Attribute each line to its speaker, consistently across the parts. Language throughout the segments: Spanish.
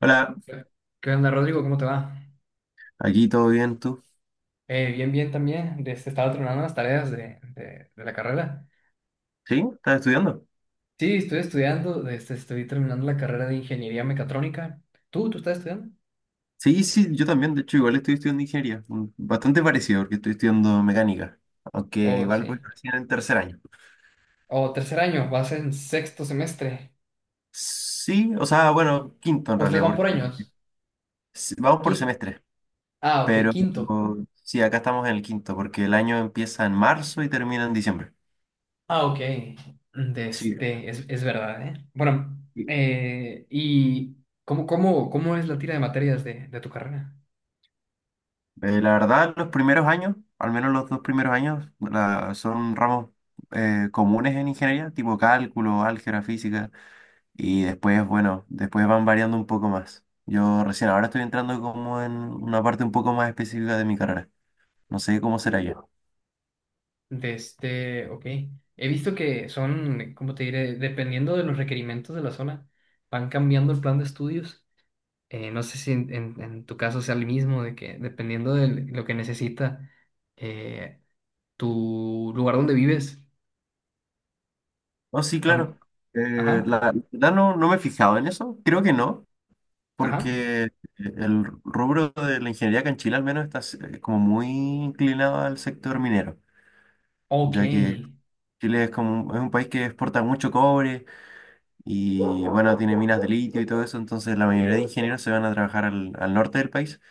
Speaker 1: Hola,
Speaker 2: ¿Qué onda, Rodrigo? ¿Cómo te va?
Speaker 1: aquí todo bien, ¿tú?
Speaker 2: Bien, bien también. Este, estaba terminando las tareas de la carrera.
Speaker 1: ¿Sí? ¿Estás estudiando?
Speaker 2: Sí, estoy estudiando, este, estoy terminando la carrera de ingeniería mecatrónica. ¿Tú estás estudiando?
Speaker 1: Sí, sí, yo también, de hecho, igual estoy estudiando ingeniería, bastante parecido porque estoy estudiando mecánica, aunque
Speaker 2: Oh,
Speaker 1: igual
Speaker 2: sí.
Speaker 1: voy recién en tercer año.
Speaker 2: Oh, tercer año, vas en sexto semestre.
Speaker 1: Sí, o sea, bueno, quinto en
Speaker 2: ¿Ustedes
Speaker 1: realidad,
Speaker 2: van por
Speaker 1: porque
Speaker 2: años?
Speaker 1: vamos por
Speaker 2: Qui-
Speaker 1: semestre,
Speaker 2: ah, ok,
Speaker 1: pero
Speaker 2: quinto.
Speaker 1: sí, acá estamos en el quinto, porque el año empieza en marzo y termina en diciembre.
Speaker 2: Ah, ok. De
Speaker 1: Sí,
Speaker 2: este, es verdad, ¿eh? Bueno,
Speaker 1: y,
Speaker 2: ¿y cómo es la tira de materias de tu carrera?
Speaker 1: la verdad, los primeros años, al menos los dos primeros años, son ramos comunes en ingeniería, tipo cálculo, álgebra, física. Y después, bueno, después van variando un poco más. Yo recién ahora estoy entrando como en una parte un poco más específica de mi carrera. No sé cómo será ya.
Speaker 2: De este, ok. He visto que son, ¿cómo te diré? Dependiendo de los requerimientos de la zona, van cambiando el plan de estudios. No sé si en tu caso sea el mismo, de que dependiendo de lo que necesita eh, tu lugar donde vives.
Speaker 1: Oh, sí,
Speaker 2: O no.
Speaker 1: claro. Eh,
Speaker 2: Ajá,
Speaker 1: la verdad no, no me he fijado en eso. Creo que no,
Speaker 2: ajá.
Speaker 1: porque el rubro de la ingeniería acá en Chile al menos está como muy inclinado al sector minero,
Speaker 2: Ok.
Speaker 1: ya que Chile es como es un país que exporta mucho cobre y bueno, tiene minas de litio y todo eso, entonces la mayoría de ingenieros se van a trabajar al norte del país.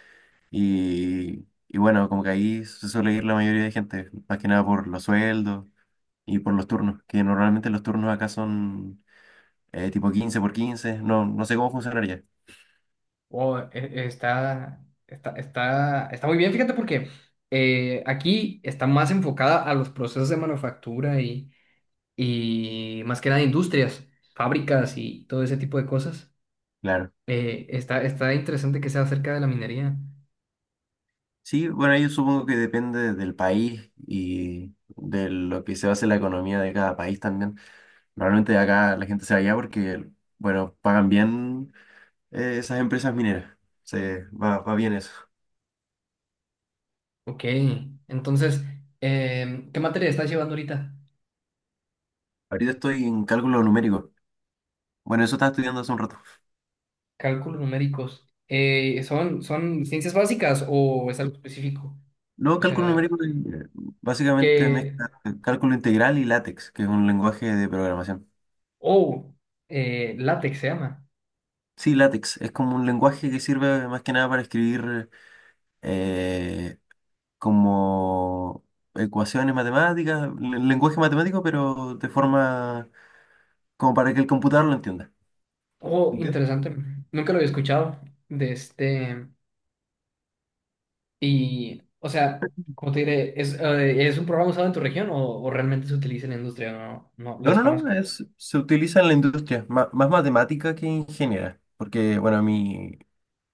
Speaker 1: Y bueno, como que ahí se suele ir la mayoría de gente, más que nada por los sueldos y por los turnos, que normalmente los turnos acá son tipo 15 por quince, no, no sé cómo funcionaría,
Speaker 2: Oh, está muy bien, fíjate, porque aquí está más enfocada a los procesos de manufactura y más que nada industrias, fábricas y todo ese tipo de cosas.
Speaker 1: claro.
Speaker 2: Está interesante que sea acerca de la minería.
Speaker 1: Sí, bueno, ahí supongo que depende del país y de lo que se base la economía de cada país también. Normalmente acá la gente se va allá porque, bueno, pagan bien esas empresas mineras, se, va, va bien eso.
Speaker 2: Ok, entonces, ¿qué materia estás llevando ahorita?
Speaker 1: Ahorita estoy en cálculo numérico. Bueno, eso estaba estudiando hace un rato.
Speaker 2: Cálculos numéricos. ¿Son ciencias básicas o es algo específico?
Speaker 1: No,
Speaker 2: O
Speaker 1: cálculo
Speaker 2: sea,
Speaker 1: numérico, básicamente
Speaker 2: que...
Speaker 1: mezcla cálculo integral y LaTeX, que es un lenguaje de programación.
Speaker 2: Oh, látex se llama.
Speaker 1: Sí, LaTeX es como un lenguaje que sirve más que nada para escribir eh, como ecuaciones matemáticas, lenguaje matemático, pero de forma como para que el computador lo entienda.
Speaker 2: Oh,
Speaker 1: ¿Entiendes?
Speaker 2: interesante. Nunca lo había escuchado. De este... Y, o sea, como te diré, ¿es un programa usado en tu región o realmente se utiliza en la industria? No, no, lo
Speaker 1: No, no, no,
Speaker 2: desconozco.
Speaker 1: es, se utiliza en la industria, más, matemática que ingeniera, porque bueno,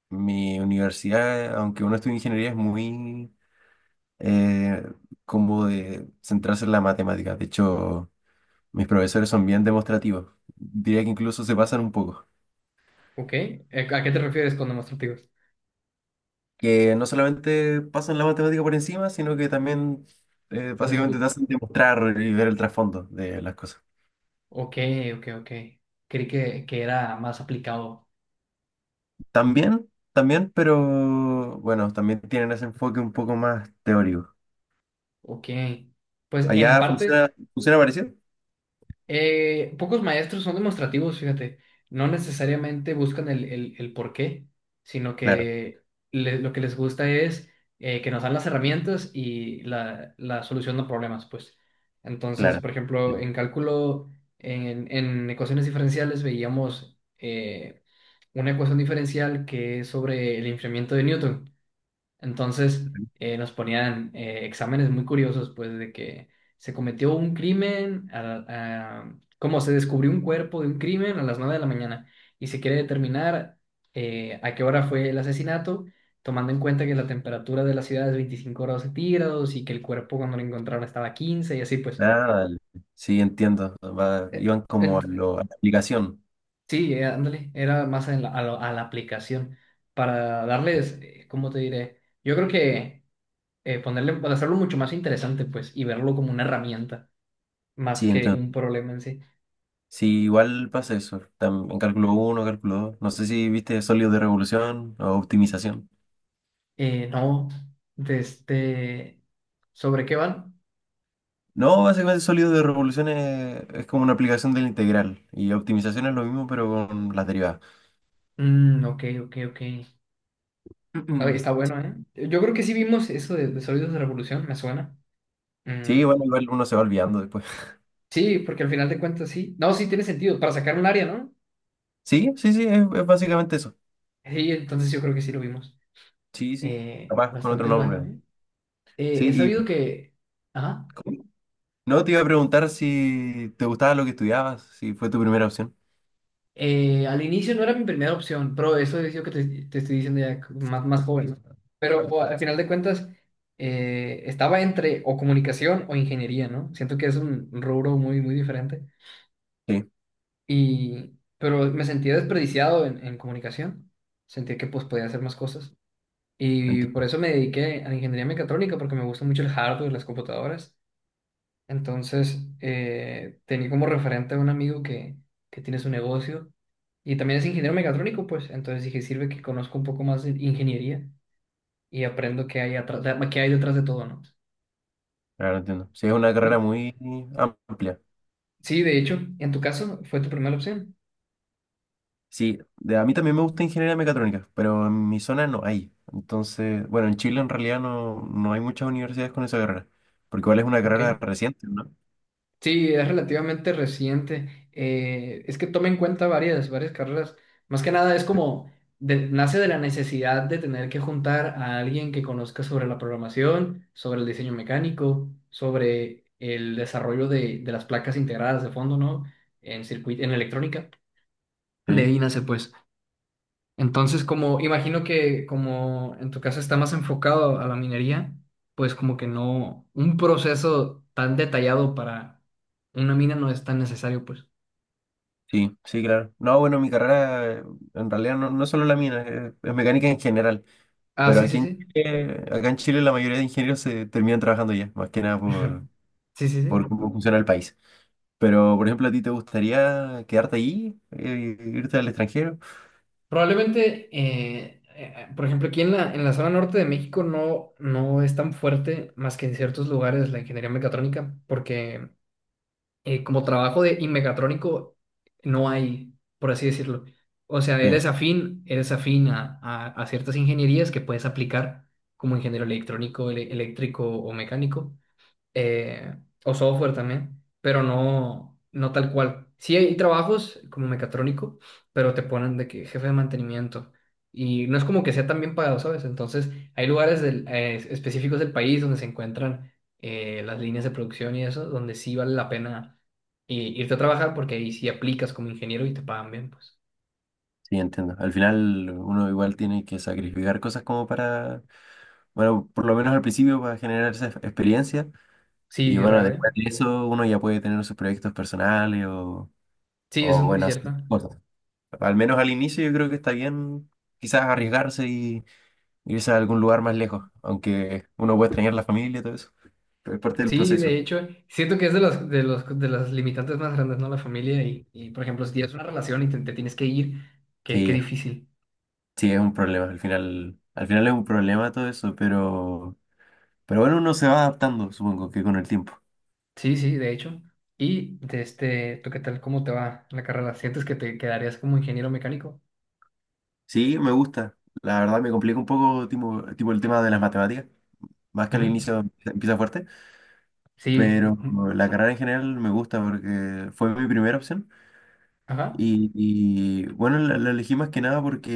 Speaker 1: mi universidad, aunque uno estudie ingeniería, es muy eh, como de centrarse en la matemática. De hecho, mis profesores son bien demostrativos. Diría que incluso se pasan un poco.
Speaker 2: ¿Ok? ¿A qué te refieres con demostrativos?
Speaker 1: Que no solamente pasan la matemática por encima, sino que también
Speaker 2: Les
Speaker 1: básicamente
Speaker 2: gu-
Speaker 1: te hacen demostrar y ver el trasfondo de las cosas.
Speaker 2: Ok, ok, ok. Creí que era más aplicado.
Speaker 1: También, también, pero bueno, también tienen ese enfoque un poco más teórico.
Speaker 2: Ok. Pues en
Speaker 1: ¿Allá
Speaker 2: parte,
Speaker 1: funciona, funciona parecido?
Speaker 2: Pocos maestros son demostrativos, fíjate. No necesariamente buscan el por qué, sino
Speaker 1: Claro,
Speaker 2: que lo que les gusta es que nos dan las herramientas y la solución a problemas, pues. Entonces,
Speaker 1: claro.
Speaker 2: por ejemplo, en cálculo, en ecuaciones diferenciales veíamos una ecuación diferencial que es sobre el enfriamiento de Newton. Entonces nos ponían exámenes muy curiosos, pues de que se cometió un crimen, como se descubrió un cuerpo de un crimen a las 9 de la mañana y se quiere determinar a qué hora fue el asesinato, tomando en cuenta que la temperatura de la ciudad es 25 grados centígrados y que el cuerpo cuando lo encontraron estaba a 15 y así pues.
Speaker 1: Ah, dale. Sí, entiendo.
Speaker 2: Eh,
Speaker 1: Iban como a,
Speaker 2: ent-
Speaker 1: lo, a la aplicación.
Speaker 2: sí, ándale, era más en a la aplicación para darles, ¿cómo te diré? Yo creo que... ponerle, pues, hacerlo mucho más interesante, pues, y verlo como una herramienta más
Speaker 1: Sí,
Speaker 2: que
Speaker 1: entiendo.
Speaker 2: un problema en sí.
Speaker 1: Sí, igual pasa eso. En cálculo 1, cálculo dos. No sé si viste sólido de revolución o optimización.
Speaker 2: No, de este, ¿sobre qué van?
Speaker 1: No, básicamente sólido de revolución es como una aplicación de la integral. Y optimización es lo mismo, pero con las derivadas.
Speaker 2: Mm, ok, ok, ok. Ah, está bueno, ¿eh? Yo creo que sí vimos eso de Sólidos de Revolución, me suena. Mm,
Speaker 1: Sí, bueno, igual uno se va olvidando después.
Speaker 2: sí, porque al final de cuentas sí. No, sí tiene sentido, para sacar un área, ¿no?
Speaker 1: Sí, sí, sí, es básicamente eso.
Speaker 2: Sí, entonces yo creo que sí lo vimos.
Speaker 1: Sí, sí. Capaz con otro
Speaker 2: Bastante
Speaker 1: nombre,
Speaker 2: bueno,
Speaker 1: ¿no?
Speaker 2: ¿eh? He
Speaker 1: Sí,
Speaker 2: sabido
Speaker 1: y
Speaker 2: que... Ajá.
Speaker 1: no te iba a preguntar si te gustaba lo que estudiabas, si fue tu primera opción.
Speaker 2: Al inicio no era mi primera opción, pero eso es lo que te estoy diciendo ya más joven, ¿no? Pero o, al final de cuentas, estaba entre o comunicación o ingeniería, ¿no? Siento que es un rubro muy, muy diferente.
Speaker 1: Sí,
Speaker 2: Y, pero me sentía desperdiciado en comunicación. Sentía que pues podía hacer más cosas. Y por
Speaker 1: entiendo.
Speaker 2: eso me dediqué a la ingeniería mecatrónica, porque me gusta mucho el hardware, las computadoras. Entonces, tenía como referente a un amigo que tiene su negocio y también es ingeniero mecatrónico, pues. Entonces dije, sirve que conozco un poco más de ingeniería y aprendo qué hay atrás, qué hay detrás de todo, ¿no?
Speaker 1: Claro, entiendo. Sí, es una carrera
Speaker 2: Y
Speaker 1: muy amplia.
Speaker 2: sí, de hecho, en tu caso fue tu primera opción,
Speaker 1: Sí, a mí también me gusta ingeniería mecatrónica, pero en mi zona no hay. Entonces, bueno, en Chile en realidad no, no hay muchas universidades con esa carrera, porque igual es una
Speaker 2: ¿ok?
Speaker 1: carrera reciente, ¿no?
Speaker 2: Sí, es relativamente reciente. Es que toma en cuenta varias carreras. Más que nada es
Speaker 1: Sí,
Speaker 2: como, nace de la necesidad de tener que juntar a alguien que conozca sobre la programación, sobre el diseño mecánico, sobre el desarrollo de las placas integradas de fondo, ¿no? En circuito, en electrónica. De
Speaker 1: sí,
Speaker 2: ahí nace, pues. Entonces, como imagino que como en tu caso está más enfocado a la minería, pues como que no, un proceso tan detallado para una mina no es tan necesario, pues.
Speaker 1: sí, sí, claro. No, bueno, mi carrera en realidad no, no es solo la mía, es mecánica en general,
Speaker 2: Ah,
Speaker 1: pero
Speaker 2: sí,
Speaker 1: aquí
Speaker 2: sí,
Speaker 1: en
Speaker 2: sí.
Speaker 1: Chile, acá en Chile la mayoría de ingenieros se terminan trabajando ya, más que nada por,
Speaker 2: Sí, sí, sí.
Speaker 1: por cómo funciona el país. Pero, por ejemplo, ¿a ti te gustaría quedarte ahí, irte al extranjero?
Speaker 2: Probablemente, por ejemplo, aquí en la zona norte de México no es tan fuerte más que en ciertos lugares la ingeniería mecatrónica, porque como trabajo de y mecatrónico no hay, por así decirlo. O sea,
Speaker 1: Sí.
Speaker 2: eres afín a ciertas ingenierías que puedes aplicar como ingeniero electrónico, eléctrico o mecánico, eh, o software también, pero no tal cual. Sí hay trabajos como mecatrónico, pero te ponen de que jefe de mantenimiento y no es como que sea tan bien pagado, ¿sabes? Entonces hay lugares específicos del país donde se encuentran las líneas de producción y eso, donde sí vale la pena irte a trabajar porque ahí sí aplicas como ingeniero y te pagan bien, pues.
Speaker 1: Sí, entiendo. Al final uno igual tiene que sacrificar cosas como para, bueno, por lo menos al principio para generar esa experiencia y
Speaker 2: Sí,
Speaker 1: bueno,
Speaker 2: real, ¿eh?
Speaker 1: después de eso uno ya puede tener sus proyectos personales
Speaker 2: Sí, eso
Speaker 1: o
Speaker 2: es muy
Speaker 1: bueno,
Speaker 2: cierto.
Speaker 1: hacer cosas. Al menos al inicio yo creo que está bien quizás arriesgarse y irse a algún lugar más lejos, aunque uno puede extrañar la familia y todo eso, pero es parte del
Speaker 2: Sí, de
Speaker 1: proceso.
Speaker 2: hecho, siento que es de las, de los, de las limitantes más grandes, ¿no? La familia por ejemplo, si tienes una relación y te tienes que ir, qué
Speaker 1: Sí,
Speaker 2: difícil.
Speaker 1: sí, es un problema. Al final es un problema todo eso, pero bueno, uno se va adaptando, supongo que con el tiempo.
Speaker 2: Sí, sí, de hecho. Y de este, ¿tú qué tal? ¿Cómo te va la carrera? ¿Sientes que te quedarías como ingeniero mecánico?
Speaker 1: Sí, me gusta. La verdad me complica un poco tipo, tipo el tema de las matemáticas, más que al
Speaker 2: Ujú.
Speaker 1: inicio empieza fuerte,
Speaker 2: Sí,
Speaker 1: pero
Speaker 2: ujú.
Speaker 1: la carrera en general me gusta porque fue mi primera opción
Speaker 2: Ajá.
Speaker 1: y, bueno, la elegí más que nada porque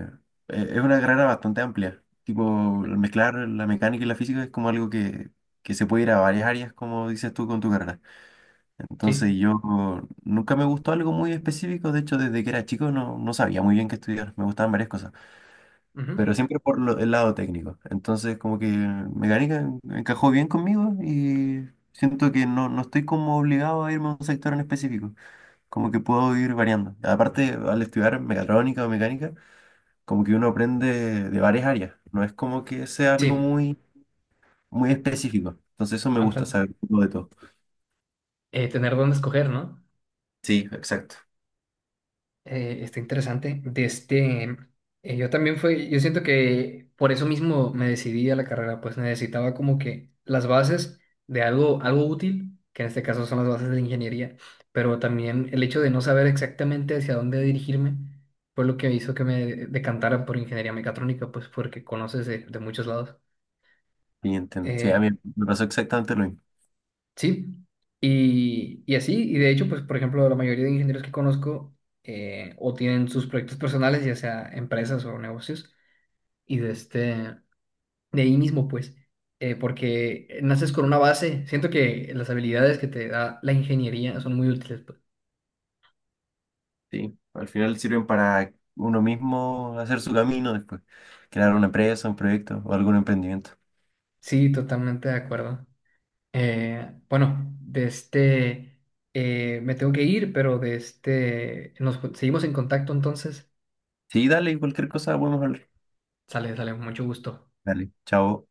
Speaker 1: eh, es una carrera bastante amplia. Tipo, el mezclar la mecánica y la física es como algo que se puede ir a varias áreas, como dices tú, con tu carrera. Entonces
Speaker 2: Sí,
Speaker 1: yo nunca me gustó algo muy específico, de hecho desde que era chico no, no sabía muy bien qué estudiar, me gustaban varias cosas.
Speaker 2: ujú.
Speaker 1: Pero siempre por el lado técnico. Entonces, como que mecánica encajó bien conmigo y siento que no, no estoy como obligado a irme a un sector en específico, como que puedo ir variando. Aparte, al estudiar mecatrónica o mecánica, como que uno aprende de varias áreas, no es como que sea algo
Speaker 2: Sí.
Speaker 1: muy, muy específico. Entonces, eso me gusta,
Speaker 2: Amsal.
Speaker 1: saber un poco de todo.
Speaker 2: Tener dónde escoger, ¿no?
Speaker 1: Sí, exacto.
Speaker 2: Está interesante. De este, yo también fue, yo siento que por eso mismo me decidí a la carrera, pues necesitaba como que las bases de algo, algo útil, que en este caso son las bases de la ingeniería, pero también el hecho de no saber exactamente hacia dónde dirigirme fue lo que hizo que me decantara por ingeniería mecatrónica, pues porque conoces de muchos lados.
Speaker 1: Sí, entiendo. Sí, a
Speaker 2: Eh,
Speaker 1: mí me pasó exactamente lo mismo.
Speaker 2: Sí, y así, y de hecho, pues, por ejemplo, la mayoría de ingenieros que conozco o tienen sus proyectos personales, ya sea empresas o negocios, y de este, de ahí mismo, pues, porque naces con una base, siento que las habilidades que te da la ingeniería son muy útiles, pues.
Speaker 1: Sí, al final sirven para uno mismo hacer su camino después, crear una empresa, un proyecto o algún emprendimiento.
Speaker 2: Sí, totalmente de acuerdo. Bueno, de este, me tengo que ir, pero de este, nos seguimos en contacto entonces.
Speaker 1: Sí, dale, cualquier cosa podemos hablar.
Speaker 2: Sale, sale, mucho gusto.
Speaker 1: Dale, chao.